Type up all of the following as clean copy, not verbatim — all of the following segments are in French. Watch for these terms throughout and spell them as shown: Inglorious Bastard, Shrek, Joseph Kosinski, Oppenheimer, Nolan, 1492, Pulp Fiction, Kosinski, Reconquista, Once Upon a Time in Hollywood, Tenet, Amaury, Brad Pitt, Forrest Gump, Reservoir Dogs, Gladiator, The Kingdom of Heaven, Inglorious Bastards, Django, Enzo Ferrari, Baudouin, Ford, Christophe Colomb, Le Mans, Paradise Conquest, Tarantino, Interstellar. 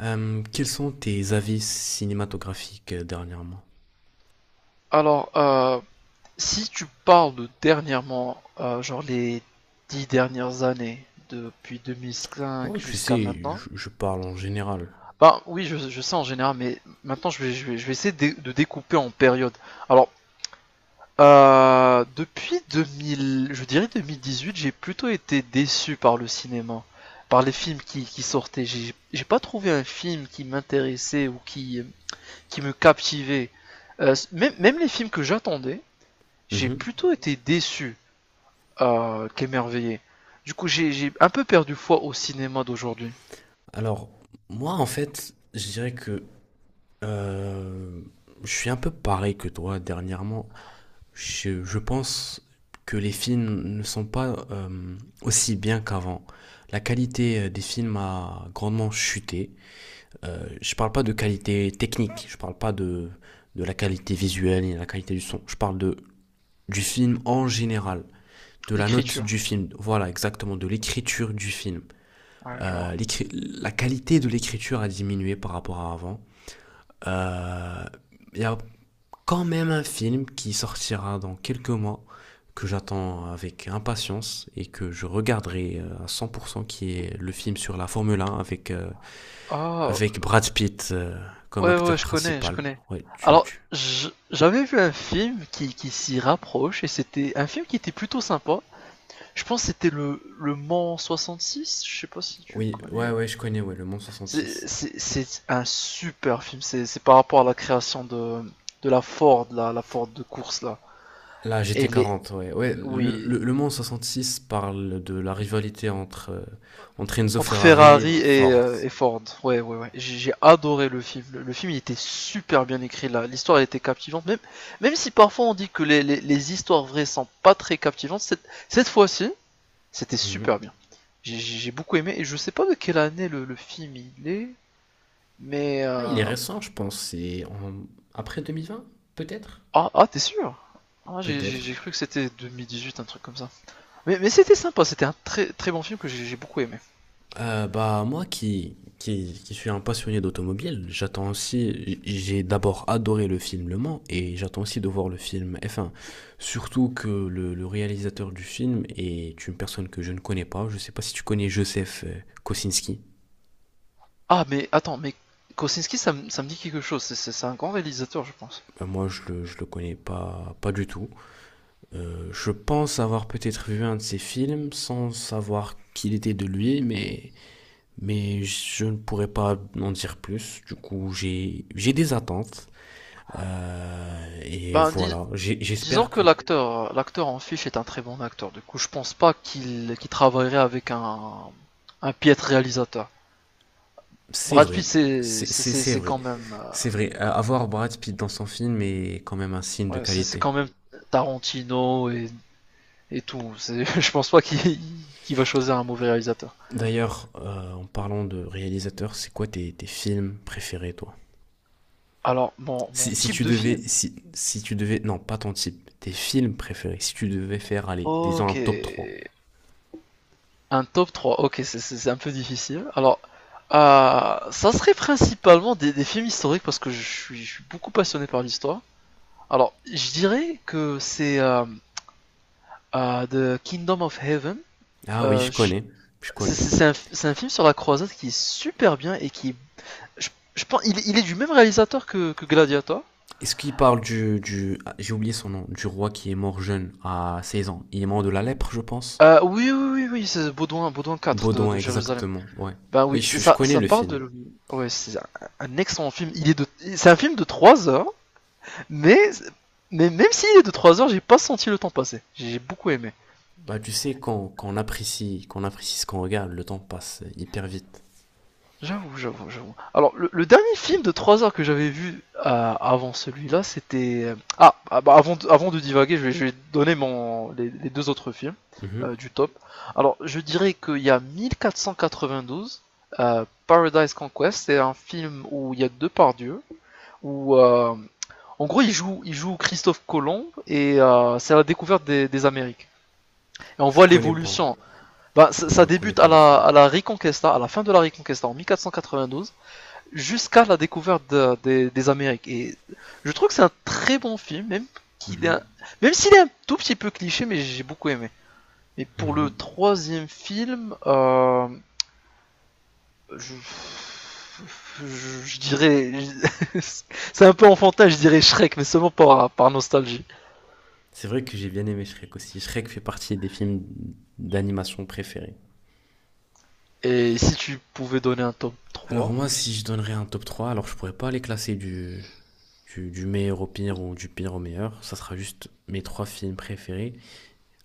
Quels sont tes avis cinématographiques dernièrement? Alors, si tu parles de dernièrement, genre les 10 dernières années, depuis 2005 Oh, tu jusqu'à sais, maintenant, je parle en général. bah oui, je sais en général, mais maintenant je vais essayer de découper en périodes. Alors, depuis 2000, je dirais 2018, j'ai plutôt été déçu par le cinéma, par les films qui sortaient. J'ai pas trouvé un film qui m'intéressait ou qui me captivait. Même les films que j'attendais, j'ai Mhm. plutôt été déçu qu'émerveillé. Du coup, j'ai un peu perdu foi au cinéma d'aujourd'hui. Alors, moi, en fait, je dirais que euh, je suis un peu pareil que toi dernièrement. Je pense que les films ne sont pas aussi bien qu'avant. La qualité des films a grandement chuté. Je parle pas de qualité technique, je parle pas de la qualité visuelle et la qualité du son. Je parle du film en général. De la note L'écriture. du film, voilà exactement, de l'écriture du film. Ouais, je vois. Euh, la qualité de l'écriture a diminué par rapport à avant. Euh, Il y a quand même un film qui sortira dans quelques mois que j'attends avec impatience et que je regarderai à 100% qui est le film sur la Formule 1 Ah, avec Brad Pitt comme ouais, ouais, acteur je connais, je principal. connais. Ouais, tu, tu- J'avais vu un film qui s'y rapproche et c'était un film qui était plutôt sympa. Je pense que c'était le Mans 66. Je sais pas si tu Oui, connais. ouais, ouais, je connais, ouais, le Mans 66. C'est un super film. C'est par rapport à la création de la Ford, la Ford de course là. La G T Elle est, quarante, ouais. Ouais, le, oui. le, le Mans six parle de la rivalité entre Enzo Entre Ferrari Ferrari et Ford. Et Ford. Ouais, ouais, ouais. J'ai adoré le film. Le film, il était super bien écrit là. L'histoire, elle était captivante. Même si parfois on dit que les histoires vraies sont pas très captivantes, cette fois-ci, c'était super Mhm. bien. J'ai beaucoup aimé. Et je sais pas de quelle année le film il est, mais. Ah, il est euh, récent, je pense. Après 2020, peut-être? Ah, ah t'es sûr? Ah, Peut-être. Cru que c'était 2018, un truc comme ça. Mais c'était sympa, c'était un très, très bon film que j'ai beaucoup aimé. Bah, moi qui suis un passionné d'automobile, j'attends aussi. J'ai d'abord adoré le film Le Mans et j'attends aussi de voir le film F1. Surtout que le réalisateur du film est une personne que je ne connais pas. Je sais pas si tu connais Joseph Kosinski. Ah, mais attends, mais Kosinski, ça me dit quelque chose. C'est un grand réalisateur, je pense. Ben moi, je le connais pas, pas du tout. Je pense avoir peut-être vu un de ses films sans savoir qu'il était de lui, mais je ne pourrais pas en dire plus. Du coup, j'ai des attentes. Et Ben, dis- voilà, J'ai- Disons j'espère que que l'acteur, en fiche est un très bon acteur. Du coup, je pense pas qu'il travaillerait avec un piètre réalisateur. c'est Brad Pitt, vrai. C'est, c'est, c'est c'est vrai. quand même C'est vrai. Avoir Brad Pitt dans son film est quand même un signe de ouais, c'est qualité. quand même Tarantino et tout. Je pense pas qu'il va choisir un mauvais réalisateur. D'ailleurs, en parlant de réalisateur, c'est quoi tes films préférés, toi? Alors, mon Si type tu de devais, film. si tu devais, non, pas ton type, tes films préférés, si tu devais faire, allez, disons Ok. un top trois. Un top 3. Ok, c'est un peu difficile. Alors, ça serait principalement des films historiques parce que je suis beaucoup passionné par l'histoire. Alors, je dirais que c'est The Kingdom of Heaven. Ah oui, Euh, je je- connais, je c'est- connais. c'est c'est c'est un film sur la croisade qui est super bien et qui, je, je pense, il est du même réalisateur que Gladiator. Est-ce qu'il parle du ah, j'ai oublié son nom, du roi qui est mort jeune à 16 ans. Il est mort de la lèpre, je pense. Oui, oui, oui, oui, c'est Baudouin, 4 Baudouin, de Jérusalem. exactement, ouais. Ben Oui, oui, c'est je ça, connais ça le parle film. de. Ouais, c'est un excellent film. C'est un film de 3 heures, mais, mais même s'il est de 3 heures, j'ai pas senti le temps passer. J'ai beaucoup aimé. Bah, tu sais, quand on apprécie, quand on apprécie ce qu'on regarde, le temps passe hyper vite. J'avoue, j'avoue, j'avoue. Alors, le dernier film de 3 heures que j'avais vu avant celui-là, c'était. Ah, ah, bah, avant de divaguer, je vais donner les deux autres films Mhm. Du top. Alors, je dirais qu'il y a 1492, Paradise Conquest, c'est un film où il y a deux pardieux, où. En gros, il joue Christophe Colomb et c'est la découverte des Amériques. Et on Je voit connais pas. l'évolution. Ben ça, Je ça connais débute pas le film. à la Reconquista, à la fin de la Reconquista en mille quatre quatre-vingt-douze. Cent quatre-vingt-douze, jusqu'à la découverte des Amériques. Et je trouve que c'est un très bon film, qu'il est un- Mhm. même s'il est un tout petit peu cliché, mais j'ai beaucoup aimé. Et pour le Mhm. troisième film, je... je dirais, c'est un peu enfantin, je dirais Shrek, mais seulement par nostalgie. C'est vrai que j'ai bien aimé Shrek aussi. Shrek fait partie des films d'animation préférés. Et si tu pouvais donner un top Alors trois. moi, si je donnerais un top 3, alors je pourrais pas les classer du meilleur au pire ou du pire au meilleur. Ça sera juste mes trois films préférés.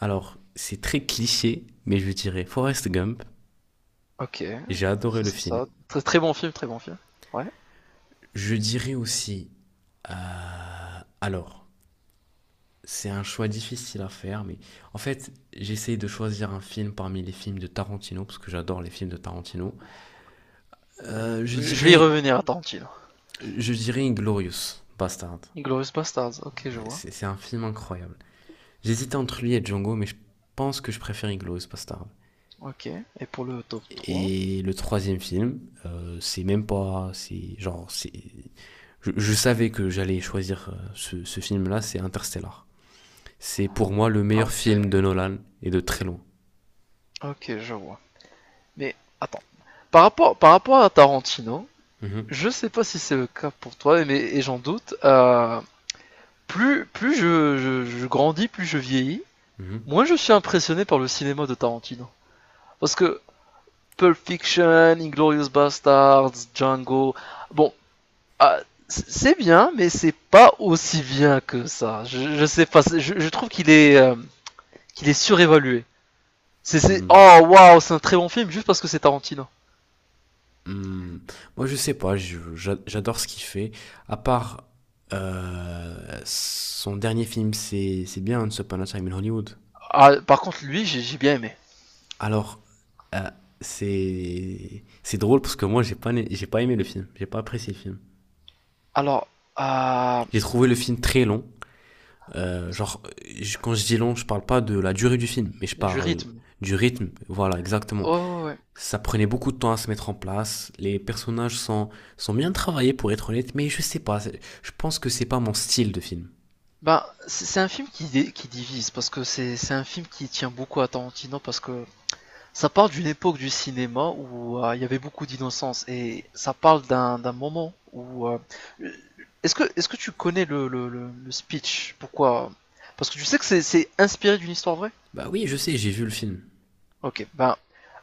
Alors, c'est très cliché, mais je dirais Forrest Gump. Ok, J'ai adoré le c'est film. ça. Très, très bon film, très bon film. Ouais. Je dirais aussi, alors, c'est un choix difficile à faire, mais en fait, j'essaye de choisir un film parmi les films de Tarantino, parce que j'adore les films de Tarantino. Euh, je Je vais y dirais revenir à Tarantino. Je dirais Inglorious Bastard. Glorious Bastards, ok, je Ouais, vois. c'est un film incroyable. J'hésitais entre lui et Django, mais je pense que je préfère Inglorious Bastard. Ok. Et pour le top trois. Et le troisième film, c'est même pas. C'est genre. C'est Je savais que j'allais choisir ce film-là, c'est Interstellar. C'est pour moi le meilleur film de Ok, Nolan et de très loin. ok, je vois. Mais attends, par rapport à Tarantino, Mhm, je sais pas si c'est le cas pour toi, mais et j'en doute. Plus je grandis, plus je vieillis, mhm, moins je suis impressionné par le cinéma de Tarantino. Parce que Pulp Fiction, Inglorious Bastards, Django, bon, ah, c'est bien, mais c'est pas aussi bien que ça. Je sais pas, je trouve qu'il est surévalué. C'est mhm. oh waouh, c'est un très bon film juste parce que c'est Tarantino. Hmm, moi, je sais pas, j'adore ce qu'il fait. À part euh, son dernier film, c'est bien Once Upon a Time in Hollywood. Ah, par contre, lui, j'ai bien aimé. Alors, euh, c'est drôle parce que moi, j'ai pas aimé le film, j'ai pas apprécié le film. Alors, euh, J'ai trouvé le film très long. Genre, quand je dis long, je parle pas de la durée du film, mais je du parle rythme. du rythme. Voilà, exactement. Oh, ouais. Ça prenait beaucoup de temps à se mettre en place. Les personnages sont bien travaillés pour être honnête, mais je sais pas. Je pense que c'est pas mon style de film. Ben, c'est un film qui divise, parce que c'est un film qui tient beaucoup à Tarantino, parce que ça parle d'une époque du cinéma où il y avait beaucoup d'innocence, et ça parle d'un moment où. Est-ce que, tu connais le speech? Pourquoi? Parce que tu sais que c'est inspiré d'une histoire vraie? Bah oui, je sais, j'ai vu le film. Ok, ben,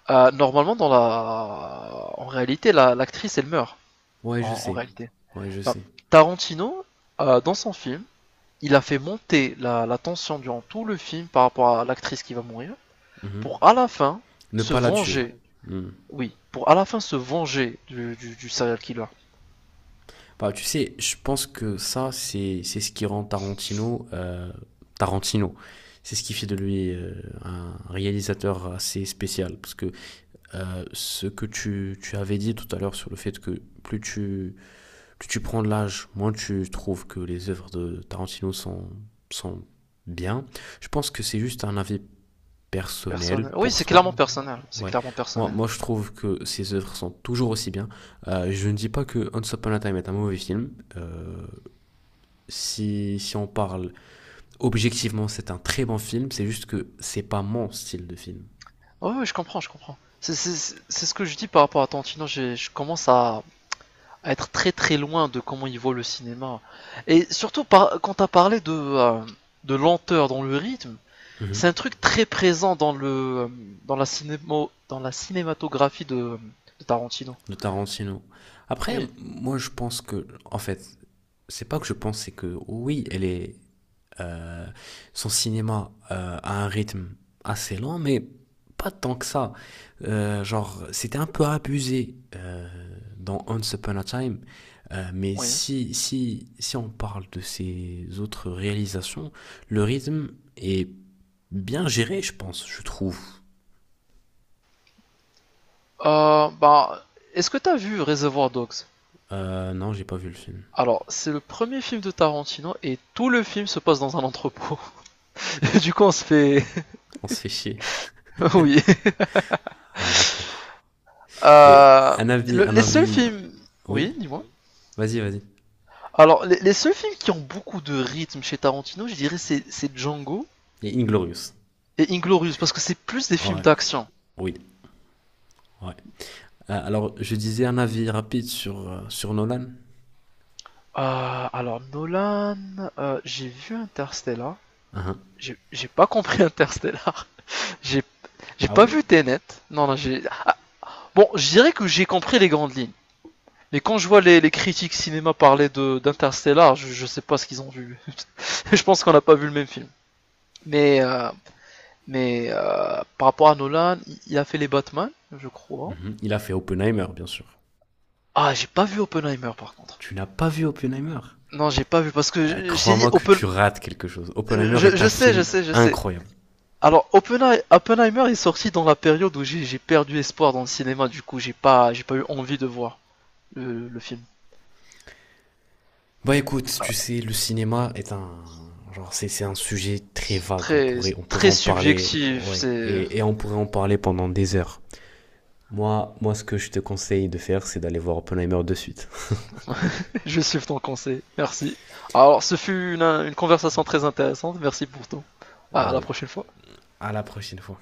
normalement, en réalité, l'actrice, elle meurt, Ouais, je en sais. réalité. Ouais, je Enfin, sais. Tarantino, dans son film, il a fait monter la tension durant tout le film par rapport à l'actrice qui va mourir, Mhm. pour à la fin Ne se pas la tuer. venger, Hmm. oui, pour à la fin se venger du serial killer. Bah, tu sais, je pense que ça, c'est ce qui rend Tarantino Tarantino. C'est ce qui fait de lui un réalisateur assez spécial. Parce que ce que tu avais dit tout à l'heure sur le fait que plus tu prends de l'âge, moins tu trouves que les œuvres de Tarantino sont bien. Je pense que c'est juste un avis personnel Personnel. Oui, pour c'est soi. clairement personnel, c'est Ouais. clairement Moi, personnel. moi, je trouve que ses œuvres sont toujours aussi bien. Je ne dis pas que Once Upon a Time est un mauvais film. Si on parle objectivement, c'est un très bon film. C'est juste que c'est pas mon style de film. Oh, oui, je comprends, je comprends. C'est ce que je dis par rapport à Tarantino, je commence à être très très loin de comment il voit le cinéma. Et surtout quand t'as parlé de lenteur dans le rythme. Mhm. C'est un truc très présent dans le dans la cinémo, dans la cinématographie de Tarantino. De Tarantino. Après, Oui, moi, je pense que, en fait, c'est pas que je pense, c'est que oui, elle est euh, son cinéma a un rythme assez lent, mais pas tant que ça. Genre, c'était un peu abusé dans Once Upon a Time, mais oui. si on parle de ses autres réalisations, le rythme est bien géré, je pense, je trouve. Bah, est-ce que t'as vu Reservoir Dogs? Non, j'ai pas vu le film. Alors, c'est le premier film de Tarantino et tout le film se passe dans un entrepôt. Du coup, on se fait. On se fait chier. Oui. Ah, d'accord. Et Euh, un avis, un les seuls avis. films. Oui, Oui, dis-moi. vas-y, vas-y. Alors, les seuls films qui ont beaucoup de rythme chez Tarantino, je dirais, c'est Django Et Inglorious. et Inglorious, parce que c'est plus des films Ouais, d'action. oui, ouais. Alors, je disais un avis rapide sur Nolan. Alors Nolan, j'ai vu Interstellar. Hein. J'ai pas compris Interstellar. J'ai j'ai Ah pas oui? vu Tenet. Non, non, j'ai. Bon, je dirais que j'ai compris les grandes lignes. Mais quand je vois les critiques cinéma parler de d'Interstellar, je sais pas ce qu'ils ont vu. Je pense qu'on n'a pas vu le même film. Mais euh, mais par rapport à Nolan, il a fait les Batman, je crois. Mhm. Il a fait Oppenheimer, bien sûr. Ah, j'ai pas vu Oppenheimer par contre. Tu n'as pas vu Oppenheimer? Non, j'ai pas vu parce que Euh, je t'ai dit crois-moi que Oppen. tu rates quelque chose. Oppenheimer est Je un sais, je film sais, je sais. incroyable. Alors, Oppenheimer est sorti dans la période où j'ai perdu espoir dans le cinéma, du coup, j'ai pas eu envie de voir le film. Bah écoute, tu sais, le cinéma est un. Genre, c'est un sujet très vague. On Très, pourrait, on pourrait très en parler, subjectif, ouais. c'est. Et on pourrait en parler pendant des heures. Moi, ce que je te conseille de faire, c'est d'aller voir Oppenheimer de suite. Je suis ton conseil, merci. Alors, ce fut une conversation très intéressante, merci pour tout. À la Euh, prochaine fois. à la prochaine fois.